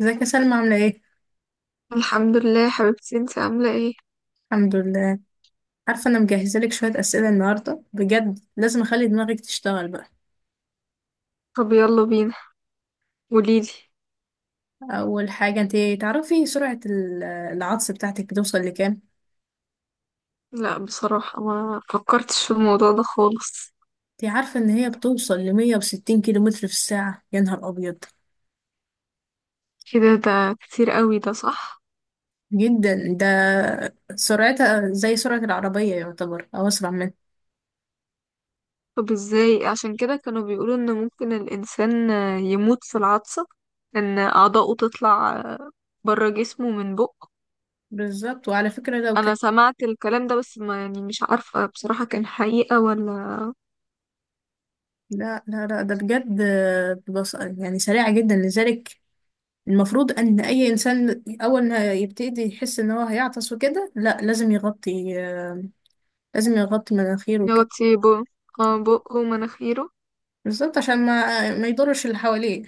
ازيك يا سلمى؟ عاملة ايه؟ الحمد لله يا حبيبتي، انت عاملة ايه؟ الحمد لله. عارفة، انا مجهزة لك شوية اسئلة النهاردة، بجد لازم اخلي دماغك تشتغل بقى. طب يلا بينا، قوليلي. اول حاجة، انت تعرفي سرعة العطس بتاعتك بتوصل لكام؟ لا بصراحة، ما فكرتش في الموضوع ده خالص. انت عارفة ان هي بتوصل لمية وستين كيلو متر في الساعة؟ يا نهار ابيض، كده؟ ده كتير قوي، ده صح؟ جدا ده. سرعتها زي سرعة العربية يعتبر، او اسرع منها. طب ازاي؟ عشان كده كانوا بيقولوا ان ممكن الانسان يموت في العطسة، ان اعضاؤه تطلع بره جسمه من بقه. بالظبط، وعلى فكرة لو انا كانت، سمعت الكلام ده بس ما يعني، مش عارفة بصراحة كان حقيقة ولا. لا لا لا ده بجد. بص، يعني سريعة جدا، لذلك المفروض ان اي انسان اول ما يبتدي يحس ان هو هيعطس وكده، لا لازم يغطي، لازم يغطي مناخيره ان هو وكده. كتير بقه، اه بقه ومناخيره. بالظبط، عشان ما يضرش اللي حواليه.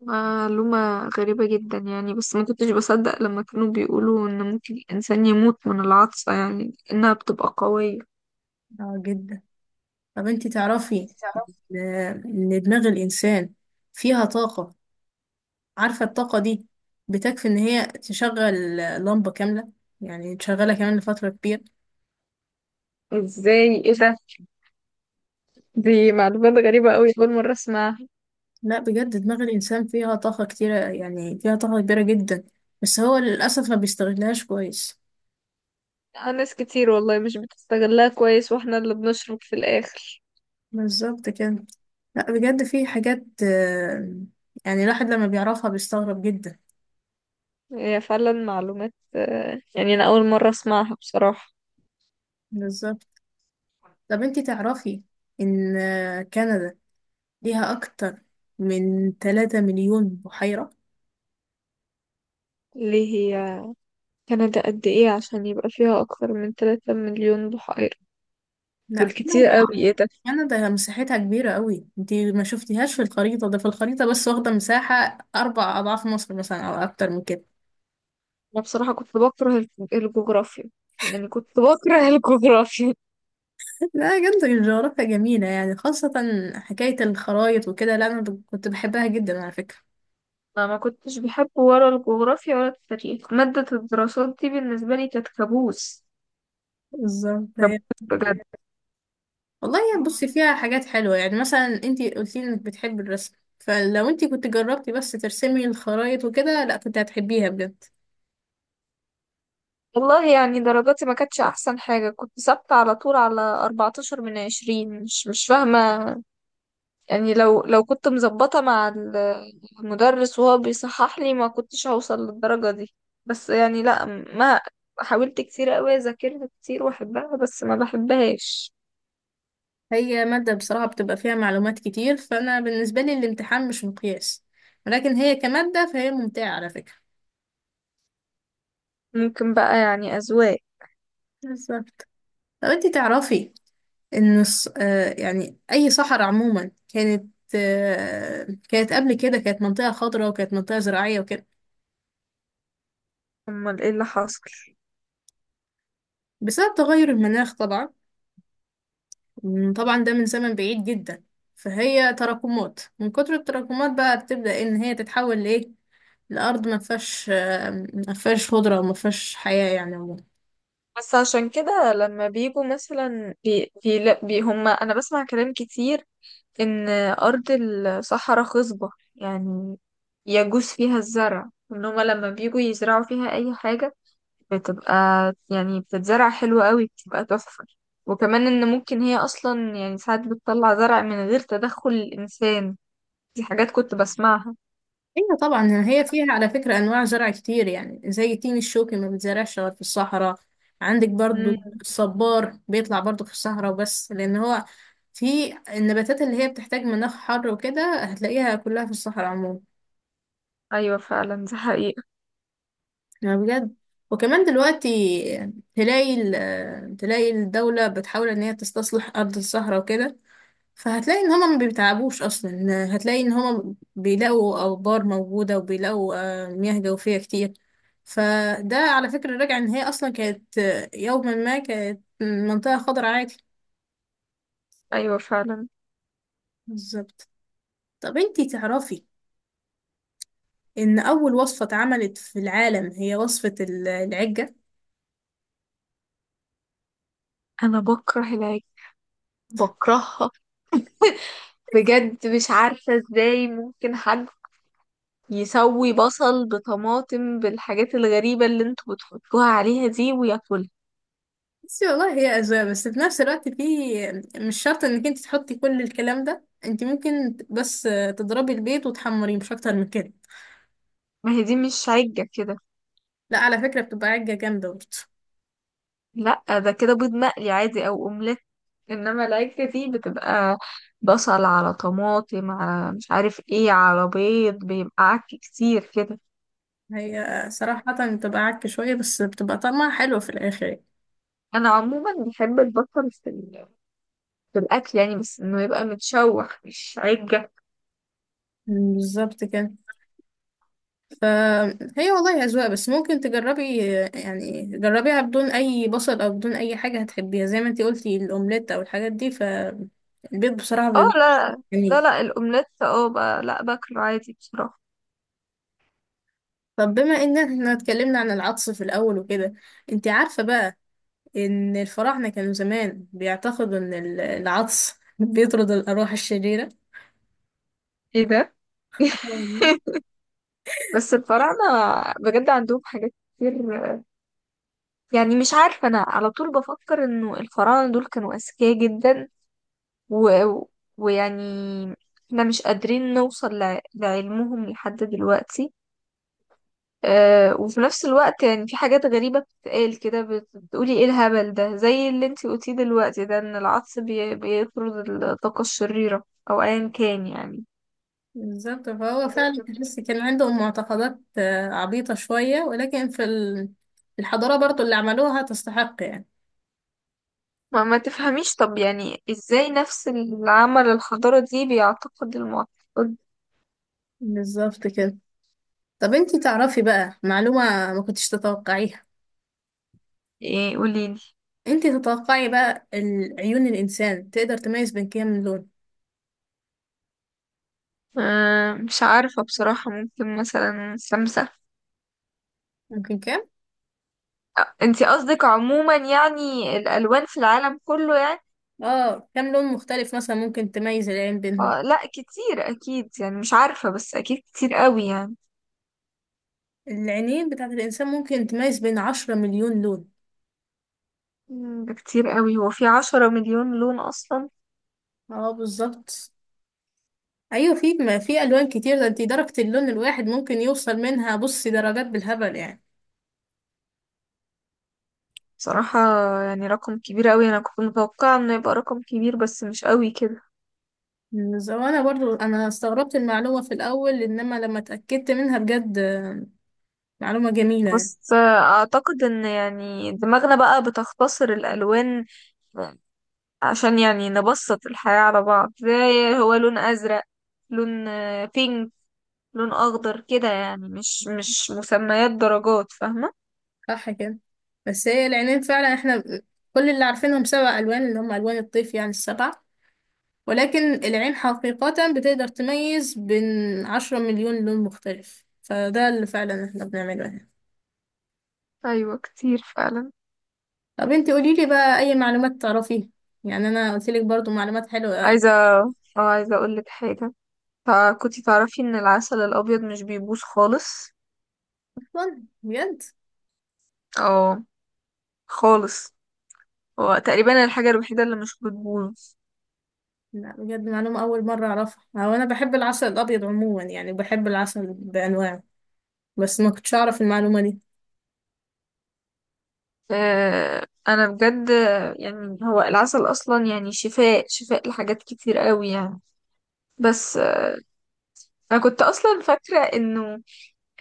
معلومة غريبة جدا يعني، بس ما كنتش بصدق لما كانوا بيقولوا ان ممكن الانسان يموت من العطسة، يعني انها بتبقى قوية. اه جدا. طب انتي تعرفي تعرف؟ ان إن دماغ الانسان فيها طاقة؟ عارفة الطاقة دي بتكفي ان هي تشغل لمبة كاملة، يعني تشغلها كمان لفترة كبيرة. ازاي؟ ايه ده؟ دي معلومات غريبة قوي، اول مرة اسمعها. لا بجد، دماغ الانسان فيها طاقة كتيرة، يعني فيها طاقة كبيرة جدا، بس هو للأسف ما بيستغلهاش كويس. ناس كتير والله مش بتستغلها كويس واحنا اللي بنشرب في الاخر. بالظبط كده. لا بجد في حاجات، يعني الواحد لما بيعرفها بيستغرب جدا. هي فعلا معلومات، يعني انا اول مرة اسمعها بصراحة. بالظبط. طب انتي تعرفي ان كندا ليها اكتر من 3 مليون بحيرة؟ ليه هي كندا قد ايه عشان يبقى فيها اكتر من 3 مليون بحيرة؟ لا دول كتير كندا، قوي، ايه ده؟ كندا مساحتها كبيرة قوي، انتي ما شفتيهاش في الخريطة، ده في الخريطة بس واخدة مساحة اربع اضعاف مصر مثلا او اكتر من كده. انا بصراحة كنت بكره الجغرافيا، يعني كنت بكره الجغرافيا. لا بجد الجغرافيا جميلة، يعني خاصة حكاية الخرايط وكده، لا انا كنت بحبها جدا على فكرة. انا ما كنتش بحب ولا الجغرافيا ولا التاريخ، مادة الدراسات دي بالنسبة لي كانت كابوس. بالظبط كابوس بجد. والله، يعني بصي فيها حاجات حلوة، يعني مثلا انتي قلتي انك بتحبي الرسم، فلو انتي كنت جربتي بس ترسمي الخرايط وكده لا كنت هتحبيها بجد. والله يعني درجاتي ما كانتش احسن حاجة، كنت ثابتة على طول على 14 من 20. مش فاهمة. يعني لو كنت مظبطة مع المدرس وهو بيصحح لي ما كنتش هوصل للدرجة دي. بس يعني لا، ما حاولت كتير قوي، اذاكرها كتير واحبها بس ما بحبهاش. هي مادة بصراحة بتبقى فيها معلومات كتير، فأنا بالنسبة لي الامتحان مش مقياس، ولكن هي كمادة فهي ممتعة على فكرة. ممكن بقى يعني، اذواق. بالظبط. لو انتي تعرفي ان يعني اي صحراء عموما، كانت قبل كده كانت منطقة خضراء وكانت منطقة زراعية وكده. امال ايه اللي حصل؟ بسبب تغير المناخ طبعا. طبعا ده من زمن بعيد جدا، فهي تراكمات، من كتر التراكمات بقى بتبدأ ان هي تتحول لايه، الارض ما فيهاش خضره وما فيهاش حياه يعني عموما. بس عشان كده لما بيجوا مثلا بي بي, لا بي هم انا بسمع كلام كتير ان ارض الصحراء خصبة، يعني يجوز فيها الزرع، ان هم لما بيجوا يزرعوا فيها اي حاجة بتبقى، يعني بتتزرع حلو قوي، بتبقى تحفة. وكمان ان ممكن هي اصلا، يعني ساعات بتطلع زرع من غير تدخل الانسان. دي حاجات كنت بسمعها. ايوه طبعا، هي فيها على فكره انواع زرع كتير، يعني زي التين الشوكي ما بيتزرعش غير في الصحراء، عندك برضو امم. الصبار بيطلع برضو في الصحراء، بس لان هو في النباتات اللي هي بتحتاج مناخ حر وكده هتلاقيها كلها في الصحراء عموما. ايوه فعلا، دي حقيقة. يعني بجد. وكمان دلوقتي تلاقي الدولة بتحاول ان هي تستصلح ارض الصحراء وكده، فهتلاقي ان هما ما بيتعبوش اصلا، هتلاقي ان هما بيلاقوا ابار موجودة وبيلاقوا مياه جوفية كتير، فده على فكرة راجع ان هي اصلا كانت، يوما ما كانت منطقة خضراء عادي. ايوه فعلا. بالظبط. طب انتي تعرفي ان اول وصفة اتعملت في العالم هي وصفة العجة؟ انا بكره العجل، بكرهها بجد. مش عارفة ازاي ممكن حد يسوي بصل بطماطم بالحاجات الغريبة اللي انتوا بتحطوها عليها دي وياكلها. بس والله هي أذواق، بس في نفس الوقت في، مش شرط انك انت تحطي كل الكلام ده، انت ممكن بس تضربي البيض وتحمريه مش اكتر من كده. ما هي دي مش عجة كده. لا على فكرة بتبقى عجة جامدة برضه. لا، ده كده بيض مقلي عادي او اومليت. انما العجل دي بتبقى بصل على طماطم على مش عارف ايه على بيض، بيبقى عك كتير كده. هي صراحة بتبقى عكة شوية، بس بتبقى طعمها حلو في الآخر يعني. انا عموما بحب البصل في في الاكل يعني، بس انه يبقى متشوح مش عجة. بالظبط كده. فهي والله أذواق، بس ممكن تجربي، يعني جربيها بدون أي بصل أو بدون أي حاجة، هتحبيها زي ما انت قلتي، الأومليت أو الحاجات دي، فالبيض بصراحة اه بيبقى لا. لا جميل. لا الاومليت اه بقى لا، باكله عادي بصراحة. طب بما ان احنا اتكلمنا عن العطس في الاول وكده، انت عارفة بقى ان الفراعنة كانوا زمان بيعتقدوا ان العطس بيطرد الارواح الشريرة؟ ايه ده؟ آه والله. بس الفراعنة بجد عندهم حاجات كتير، يعني مش عارفة. أنا على طول بفكر إنه الفراعنة دول كانوا أذكياء جدا، و... ويعني احنا مش قادرين نوصل لعلمهم لحد دلوقتي. أه، وفي نفس الوقت يعني في حاجات غريبة بتتقال كده، بتقولي ايه الهبل ده، زي اللي انتي قلتيه دلوقتي ده، ان العطس بيطرد الطاقة الشريرة، او ايا كان يعني. بالظبط، فهو فعلا تحس كان عندهم معتقدات، عبيطة شوية، ولكن في الحضارة برضو اللي عملوها تستحق يعني. ما تفهميش. طب يعني ازاي نفس العمل الحضارة دي بيعتقد المعتقد؟ بالظبط كده. طب انتي تعرفي بقى معلومة ما كنتش تتوقعيها؟ ايه؟ قوليلي. انتي تتوقعي بقى عيون الإنسان تقدر تميز بين كام لون؟ أه مش عارفة بصراحة، ممكن مثلا سمسم. ممكن كام؟ انتي قصدك عموما يعني الالوان في العالم كله يعني؟ اه، كام لون مختلف مثلا ممكن تميز العين بينهم؟ آه لا، كتير اكيد يعني، مش عارفة بس اكيد كتير قوي يعني. العينين بتاعت الإنسان ممكن تميز بين 10 مليون لون. ده كتير قوي. هو في 10 مليون لون اصلا؟ اه بالظبط. أيوة، في، ما في ألوان كتير ده، انتي درجة اللون الواحد ممكن يوصل منها، بصي درجات بالهبل يعني. بصراحة يعني رقم كبير قوي، انا كنت متوقعة انه يبقى رقم كبير بس مش قوي كده. وأنا برضو، أنا استغربت المعلومة في الأول، إنما لما اتأكدت منها بجد، معلومة جميلة يعني. بس اعتقد ان يعني دماغنا بقى بتختصر الالوان، عشان يعني نبسط الحياة على بعض، زي هو لون ازرق، لون بينك، لون اخضر كده، يعني مش مسميات درجات، فاهمة؟ صح كده. بس هي العينين فعلا، احنا كل اللي عارفينهم سبع ألوان اللي هم ألوان الطيف، يعني السبع، ولكن العين حقيقة بتقدر تميز بين عشرة مليون لون مختلف، فده اللي فعلا احنا بنعمله هنا. ايوه كتير فعلا. طب انت قوليلي بقى اي معلومات تعرفيها، يعني انا قلتلك برضو معلومات حلوة، عايزة، اه عايزة اقولك حاجة. كنتي تعرفي ان العسل الابيض مش بيبوظ خالص؟ اصلا بجد. اه خالص، هو تقريبا الحاجة الوحيدة اللي مش بتبوظ. لا بجد معلومة اول مرة اعرفها، هو انا بحب العسل الابيض عموما، يعني بحب العسل بانواعه، بس ما كنتش اعرف المعلومة دي. آه انا بجد. يعني هو العسل اصلا يعني شفاء، شفاء لحاجات كتير قوي يعني. بس انا كنت اصلا فاكرة انه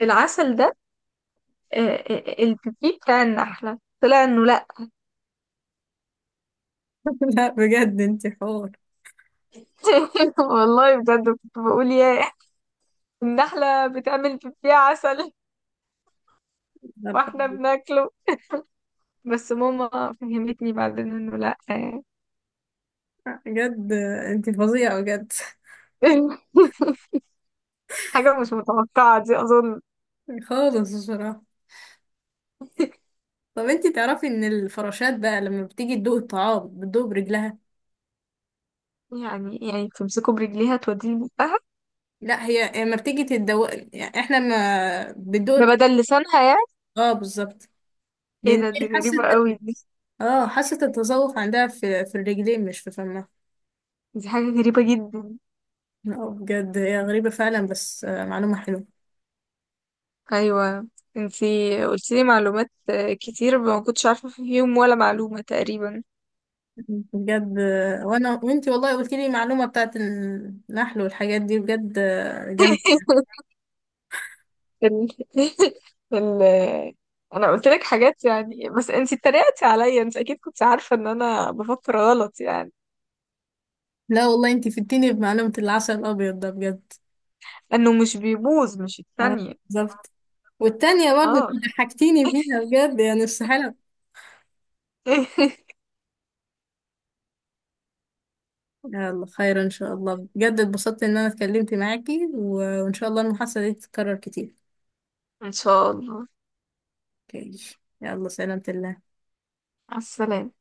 العسل ده، البيبي بتاع النحلة، طلع انه لا. لا بجد انت حور، والله بجد كنت بقول يا النحلة بتعمل فيه عسل واحنا بناكله. بس ماما فهمتني بعدين انه لا. يعني. بجد انت فظيعة بجد. حاجة مش متوقعة دي أظن. خالص بصراحة. طب انتي تعرفي ان الفراشات بقى لما بتيجي تدوق الطعام بتدوق برجلها؟ يعني، يعني بتمسكه برجليها توديه بقها؟ لا هي لما بتيجي تدوق، يعني احنا ما ده بتدوق. بدل لسانها يعني؟ اه بالظبط، ايه لان ده؟ دي هي حاسه. غريبة قوي دي. اه، حاسه التذوق عندها في الرجلين، مش في فمها. دي حاجة غريبة جدا. اه بجد هي غريبه فعلا، بس معلومه حلوه. أيوة. انتي قلتيلي معلومات، كتير ما كنتش عارفة فيهم ولا معلومة تقريبا. بجد وانا وانتي والله قلت لي معلومه بتاعت النحل والحاجات دي، بجد جامده. ال... ال... انا قلت لك حاجات يعني، بس انت اتريقتي عليا، انت اكيد كنت عارفه ان انا بفكر غلط يعني. لا والله انتي فدتيني بمعلومه العسل الابيض ده بجد. انه مش بيبوظ مش اه الثانيه. بالظبط. والتانية برضه اه. انت ضحكتيني فيها بجد، يعني استحالة. يلا خير ان شاء الله، بجد اتبسطت ان انا اتكلمت معاكي، وان شاء الله المحادثة دي تتكرر كتير. ان شاء الله. اوكي، يلا سلامة الله. مع السلامه.